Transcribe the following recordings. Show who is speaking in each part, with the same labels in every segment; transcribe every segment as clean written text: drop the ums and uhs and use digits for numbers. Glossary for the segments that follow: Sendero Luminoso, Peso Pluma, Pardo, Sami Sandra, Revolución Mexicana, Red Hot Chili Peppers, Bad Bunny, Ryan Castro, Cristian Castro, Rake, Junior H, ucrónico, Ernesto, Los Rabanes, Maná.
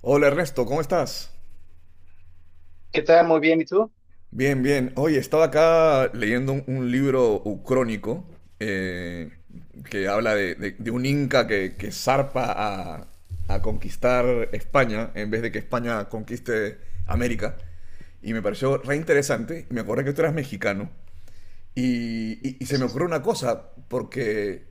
Speaker 1: Hola Ernesto, ¿cómo estás?
Speaker 2: ¿Qué tal? Muy bien, ¿y tú?
Speaker 1: Bien, bien. Oye, estaba acá leyendo un libro ucrónico, eh, que habla de un inca que zarpa a conquistar España en vez de que España conquiste América. Y me pareció re interesante. Me acordé que tú eras mexicano. Y se
Speaker 2: Pues
Speaker 1: me ocurrió una cosa, porque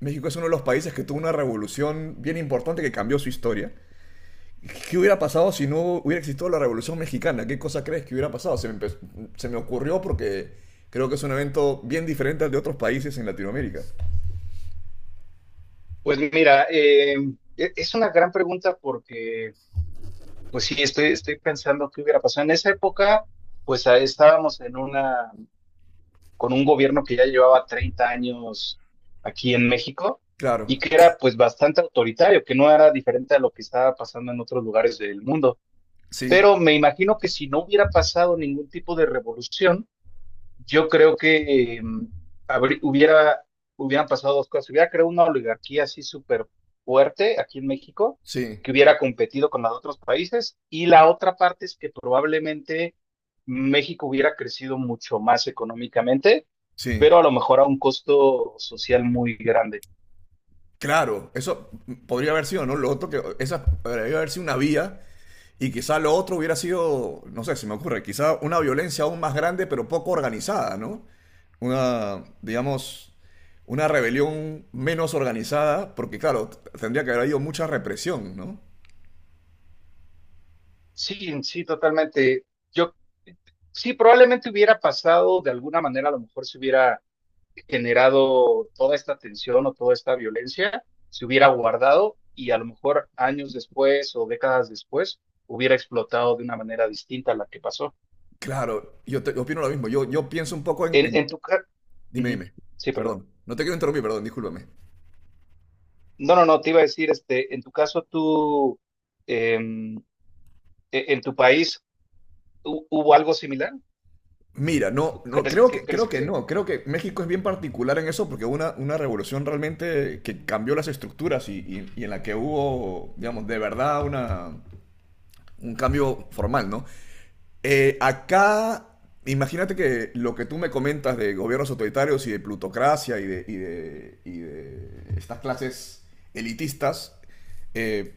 Speaker 1: México es uno de los países que tuvo una revolución bien importante que cambió su historia. ¿Qué hubiera pasado si no hubiera existido la Revolución Mexicana? ¿Qué cosa crees que hubiera pasado? Se me ocurrió porque creo que es un evento bien diferente al de otros países en Latinoamérica.
Speaker 2: pues mira, es una gran pregunta porque, pues sí, estoy pensando qué hubiera pasado. En esa época, pues estábamos en una, con un gobierno que ya llevaba 30 años aquí en México y
Speaker 1: Claro,
Speaker 2: que era pues bastante autoritario, que no era diferente a lo que estaba pasando en otros lugares del mundo.
Speaker 1: sí,
Speaker 2: Pero me imagino que si no hubiera pasado ningún tipo de revolución, yo creo que habrí- hubiera, hubieran pasado dos cosas. Hubiera creado una oligarquía así súper fuerte aquí en México,
Speaker 1: sí,
Speaker 2: que hubiera competido con la de otros países. Y la otra parte es que probablemente México hubiera crecido mucho más económicamente,
Speaker 1: sí.
Speaker 2: pero a lo mejor a un costo social muy grande.
Speaker 1: Claro, eso podría haber sido, ¿no? Lo otro que, esa podría haber sido una vía. Y quizá lo otro hubiera sido, no sé, se me ocurre, quizá una violencia aún más grande, pero poco organizada, ¿no? Una, digamos, una rebelión menos organizada, porque claro, tendría que haber habido mucha represión, ¿no?
Speaker 2: Sí, sí, totalmente. Yo sí, probablemente hubiera pasado de alguna manera, a lo mejor se hubiera generado toda esta tensión o toda esta violencia, se hubiera guardado y a lo mejor años después o décadas después hubiera explotado de una manera distinta a la que pasó.
Speaker 1: Claro, yo opino lo mismo. Yo pienso un poco
Speaker 2: En, en tu caso,
Speaker 1: Dime, dime.
Speaker 2: sí, perdón.
Speaker 1: Perdón. No te quiero interrumpir, perdón, discúlpame.
Speaker 2: No, no, no, te iba a decir, este, en tu caso, tú, eh, en en tu país, ¿hubo algo similar?
Speaker 1: Mira, no, no,
Speaker 2: ¿Crees que, crees
Speaker 1: creo que
Speaker 2: que?
Speaker 1: no. Creo que México es bien particular en eso porque hubo una revolución realmente que cambió las estructuras y en la que hubo, digamos, de verdad una, un cambio formal, ¿no? Acá, imagínate que lo que tú me comentas de gobiernos autoritarios y de plutocracia y de estas clases elitistas, eh,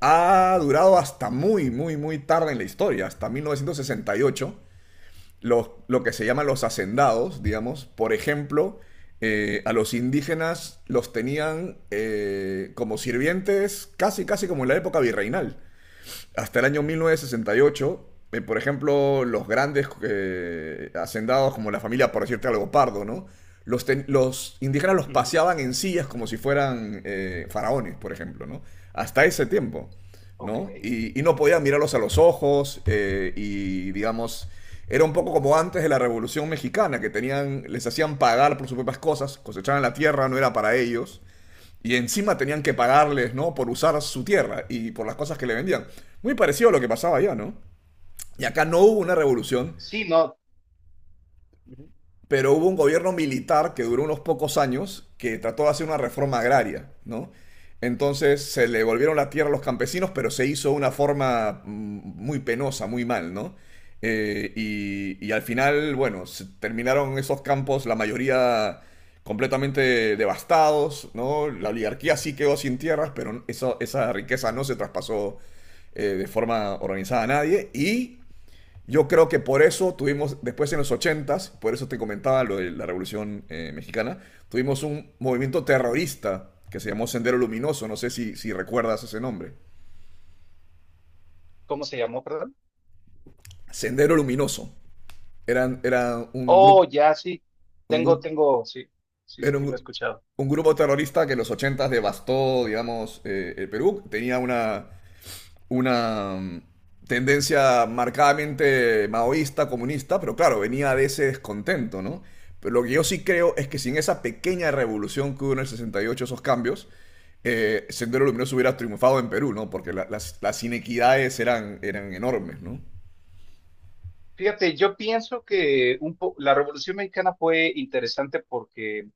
Speaker 1: ha durado hasta muy tarde en la historia, hasta 1968, los, lo que se llaman los hacendados, digamos, por ejemplo, a los indígenas los tenían como sirvientes casi como en la época virreinal hasta el año 1968, por ejemplo, los grandes hacendados como la familia, por decirte algo, Pardo, ¿no? Los, los indígenas los
Speaker 2: Ujú,
Speaker 1: paseaban en sillas como si fueran faraones, por ejemplo, ¿no? Hasta ese tiempo,
Speaker 2: ok.
Speaker 1: ¿no? Y no podían mirarlos a los ojos, y, digamos, era un poco como antes de la Revolución Mexicana, que tenían, les hacían pagar por sus propias cosas, cosechaban la tierra, no era para ellos, y encima tenían que pagarles, ¿no? Por usar su tierra y por las cosas que le vendían. Muy parecido a lo que pasaba allá, ¿no? Y acá no hubo una revolución,
Speaker 2: Sí, no. Ujú,
Speaker 1: pero hubo un gobierno militar que duró unos pocos años que trató de hacer una reforma agraria, ¿no? Entonces se le volvieron la tierra a los campesinos, pero se hizo de una forma muy penosa, muy mal, ¿no? Y al final, bueno, se terminaron esos campos, la mayoría completamente devastados, ¿no? La oligarquía sí quedó sin tierras, pero esa riqueza no se traspasó, de forma organizada a nadie. Y yo creo que por eso tuvimos, después en los ochentas, por eso te comentaba lo de la Revolución Mexicana, tuvimos un movimiento
Speaker 2: ujú.
Speaker 1: terrorista que se llamó Sendero Luminoso, no sé si recuerdas ese nombre.
Speaker 2: ¿Cómo se llamó, perdón?
Speaker 1: Sendero Luminoso. Eran, era
Speaker 2: Oh, ya, sí.
Speaker 1: un
Speaker 2: Tengo,
Speaker 1: grupo,
Speaker 2: tengo, sí, sí,
Speaker 1: era
Speaker 2: sí, sí, lo he escuchado.
Speaker 1: un grupo terrorista que en los ochentas devastó, digamos, el Perú. Tenía una, tendencia marcadamente maoísta, comunista, pero claro, venía de ese descontento, ¿no? Pero lo que yo sí creo es que sin esa pequeña revolución que hubo en el 68, esos cambios, Sendero Luminoso hubiera triunfado en Perú, ¿no? Porque las inequidades eran, eran enormes, ¿no?
Speaker 2: Fíjate, yo pienso que la Revolución Mexicana fue interesante porque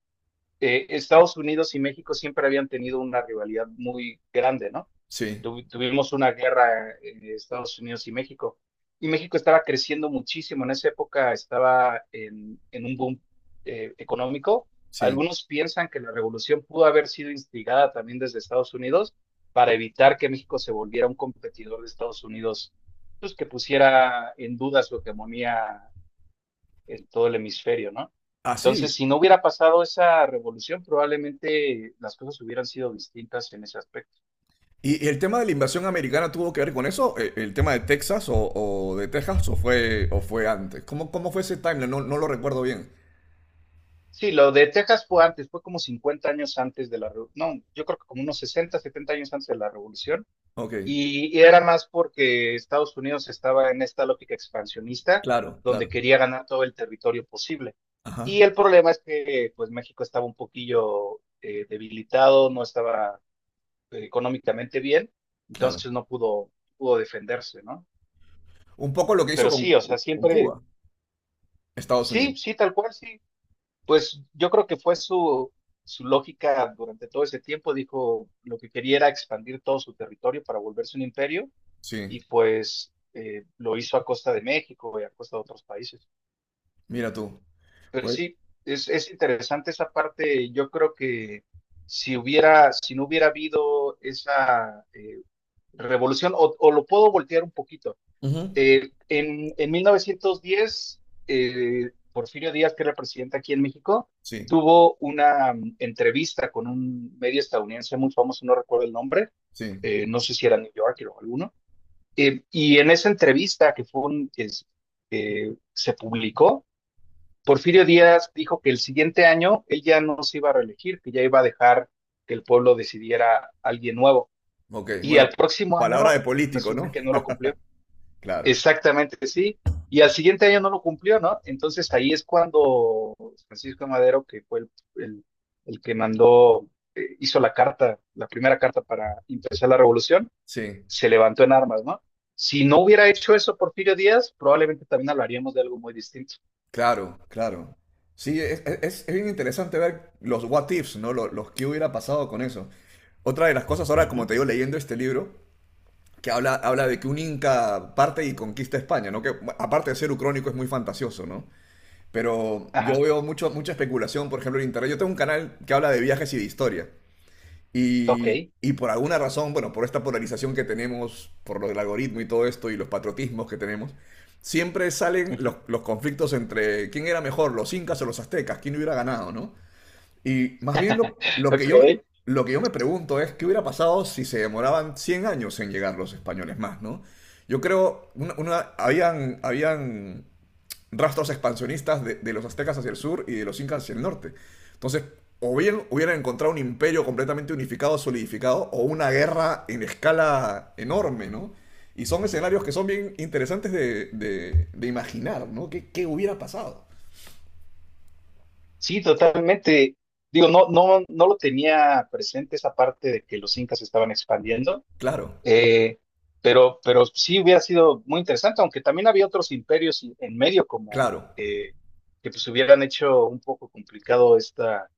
Speaker 2: Estados Unidos y México siempre habían tenido una rivalidad muy grande, ¿no?
Speaker 1: Sí,
Speaker 2: Tuvimos una guerra en Estados Unidos y México. Y México estaba creciendo muchísimo. En esa época estaba en un boom económico.
Speaker 1: sí.
Speaker 2: Algunos piensan que la revolución pudo haber sido instigada también desde Estados Unidos para evitar que México se volviera un competidor de Estados Unidos, pues que pusiera en duda su hegemonía en todo el hemisferio, ¿no?
Speaker 1: Ah, sí.
Speaker 2: Entonces, si no hubiera pasado esa revolución, probablemente las cosas hubieran sido distintas en ese aspecto.
Speaker 1: ¿Y el tema de la invasión americana tuvo que ver con eso? ¿El tema de Texas de Texas o fue antes? ¿Cómo, cómo fue ese timeline? No, no lo recuerdo bien.
Speaker 2: Sí, lo de Texas fue antes, fue como 50 años antes de la revolución, no, yo creo que como unos 60, 70 años antes de la revolución,
Speaker 1: Ok,
Speaker 2: y era más porque Estados Unidos estaba en esta lógica expansionista
Speaker 1: claro,
Speaker 2: donde
Speaker 1: claro.
Speaker 2: quería ganar todo el territorio posible.
Speaker 1: Ajá,
Speaker 2: Y el problema es que pues México estaba un poquillo debilitado, no estaba económicamente bien,
Speaker 1: claro.
Speaker 2: entonces no pudo defenderse, ¿no?
Speaker 1: Un poco lo que hizo
Speaker 2: Pero sí, o sea,
Speaker 1: con
Speaker 2: siempre,
Speaker 1: Cuba, Estados Unidos.
Speaker 2: sí, sí, tal cual, sí, pues yo creo que fue su lógica durante todo ese tiempo. Dijo lo que quería era expandir todo su territorio para volverse un imperio
Speaker 1: Sí,
Speaker 2: y pues lo hizo a costa de México y a costa de otros países.
Speaker 1: mira tú.
Speaker 2: Pero
Speaker 1: Güey.
Speaker 2: sí, es interesante esa parte. Yo creo que si hubiera, si no hubiera habido esa revolución, o lo puedo voltear un poquito,
Speaker 1: Ujú.
Speaker 2: en 1910, Porfirio Díaz, que era presidente aquí en México,
Speaker 1: Sí,
Speaker 2: tuvo una entrevista con un medio estadounidense muy famoso, no recuerdo el nombre,
Speaker 1: sí.
Speaker 2: no sé si era New Yorker o alguno, y en esa entrevista que fue se publicó, Porfirio Díaz dijo que el siguiente año él ya no se iba a reelegir, que ya iba a dejar que el pueblo decidiera a alguien nuevo,
Speaker 1: Ok,
Speaker 2: y al
Speaker 1: bueno,
Speaker 2: próximo
Speaker 1: palabra
Speaker 2: año
Speaker 1: de político,
Speaker 2: resulta
Speaker 1: ¿no?
Speaker 2: que no lo cumplió.
Speaker 1: Claro,
Speaker 2: Exactamente, sí. Y al siguiente año no lo cumplió, ¿no? Entonces ahí es cuando Francisco de Madero, que fue el- el que mandó, hizo la carta, la primera carta para empezar la revolución,
Speaker 1: sí,
Speaker 2: se levantó en armas, ¿no? Si no hubiera hecho eso Porfirio Díaz, probablemente también hablaríamos de algo muy distinto.
Speaker 1: claro, claro. Sí, es, es bien interesante ver los what ifs, ¿no? Los que hubiera pasado con eso. Otra de las cosas ahora, como
Speaker 2: Ujú,
Speaker 1: te digo, leyendo este libro, que habla, habla de que un inca parte y conquista España, ¿no? Que bueno, aparte de ser ucrónico es muy fantasioso, ¿no? Pero yo
Speaker 2: ajá,
Speaker 1: veo mucho, mucha especulación, por ejemplo, en internet. Yo tengo un canal que habla de viajes y de historia.
Speaker 2: ok,
Speaker 1: Y por alguna razón, bueno, por esta polarización que tenemos, por lo del algoritmo y todo esto, y los patriotismos que tenemos, siempre salen
Speaker 2: ujú.
Speaker 1: los conflictos entre quién era mejor, los incas o los aztecas, quién hubiera ganado, ¿no? Y más bien
Speaker 2: Ok.
Speaker 1: lo que yo me pregunto es qué hubiera pasado si se demoraban 100 años en llegar los españoles más, ¿no? Yo creo, habían, habían rastros expansionistas de los aztecas hacia el sur y de los incas hacia el norte. Entonces, o bien hubieran encontrado un imperio completamente unificado, solidificado, o una guerra en escala enorme, ¿no? Y son escenarios que son bien interesantes de imaginar, ¿no? ¿Qué, qué hubiera pasado?
Speaker 2: Sí, totalmente. Digo, no, no, no lo tenía presente esa parte de que los incas estaban expandiendo.
Speaker 1: Claro,
Speaker 2: Eh, pero sí hubiera sido muy interesante, aunque también había otros imperios en medio como
Speaker 1: claro,
Speaker 2: eh, que pues hubieran hecho un poco complicado esta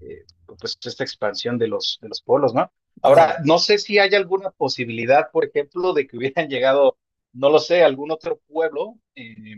Speaker 2: eh, pues esta expansión de de los polos, ¿no? Ahora,
Speaker 1: claro,
Speaker 2: no sé si hay alguna posibilidad, por ejemplo, de que hubieran llegado, no lo sé, algún otro pueblo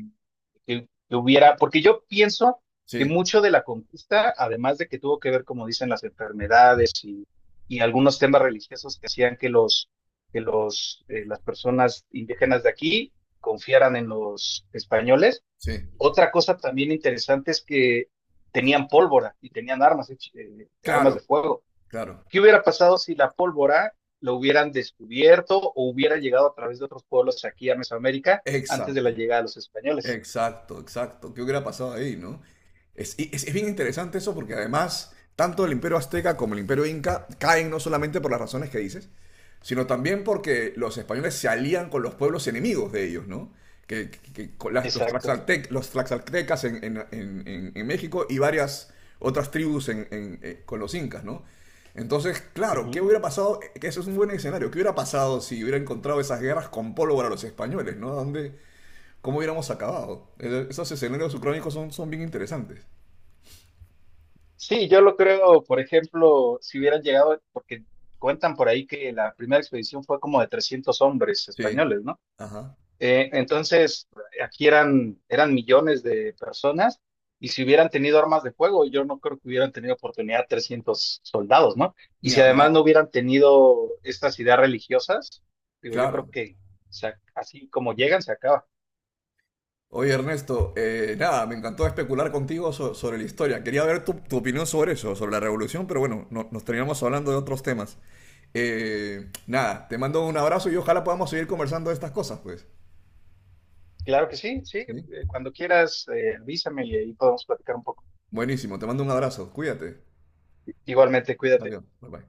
Speaker 2: que hubiera, porque yo pienso que
Speaker 1: sí,
Speaker 2: mucho de la conquista, además de que tuvo que ver, como dicen, las enfermedades y algunos temas religiosos que hacían que los las personas indígenas de aquí confiaran en los españoles,
Speaker 1: sí,
Speaker 2: otra cosa también interesante es que tenían pólvora y tenían armas, armas de
Speaker 1: claro,
Speaker 2: fuego.
Speaker 1: claro,
Speaker 2: ¿Qué hubiera pasado si la pólvora lo hubieran descubierto o hubiera llegado a través de otros pueblos aquí a Mesoamérica antes de la
Speaker 1: exacto.
Speaker 2: llegada de los españoles?
Speaker 1: Exacto, exacto. ¿Qué hubiera pasado ahí, no? Es, es bien interesante eso porque además, tanto el imperio azteca como el imperio inca caen no solamente por las razones que dices, sino también porque los españoles se alían con los pueblos enemigos de ellos, ¿no? Que con
Speaker 2: Exacto.
Speaker 1: los tlaxaltecas en México y varias otras tribus con los incas, ¿no? Entonces, claro, ¿qué
Speaker 2: Ujú.
Speaker 1: hubiera pasado? Que eso es un buen escenario. ¿Qué hubiera pasado si hubiera encontrado esas guerras con pólvora a los españoles, ¿no? ¿Dónde, cómo hubiéramos acabado? Esos escenarios ucrónicos son, son bien interesantes.
Speaker 2: Sí, yo lo creo, por ejemplo, si hubieran llegado, porque cuentan por ahí que la primera expedición fue como de 300 hombres
Speaker 1: Sí.
Speaker 2: españoles, ¿no?
Speaker 1: Ajá.
Speaker 2: Entonces, aquí eran millones de personas y si hubieran tenido armas de fuego, yo no creo que hubieran tenido oportunidad 300 soldados, ¿no? Y
Speaker 1: Ni
Speaker 2: si además
Speaker 1: hablar.
Speaker 2: no hubieran tenido estas ideas religiosas, digo, yo creo
Speaker 1: Claro.
Speaker 2: que así como llegan, se acaba.
Speaker 1: Oye, Ernesto, nada, me encantó especular contigo sobre la historia. Quería ver tu, tu opinión sobre eso, sobre la revolución, pero bueno, nos terminamos hablando de otros temas. Nada, te mando un abrazo y ojalá podamos seguir conversando de estas cosas, pues.
Speaker 2: Claro que sí, sí,
Speaker 1: Sí.
Speaker 2: cuando quieras, avísame y ahí podemos platicar un poco.
Speaker 1: Buenísimo, te mando un abrazo. Cuídate.
Speaker 2: Igualmente, cuídate.
Speaker 1: Adiós. Bye bye.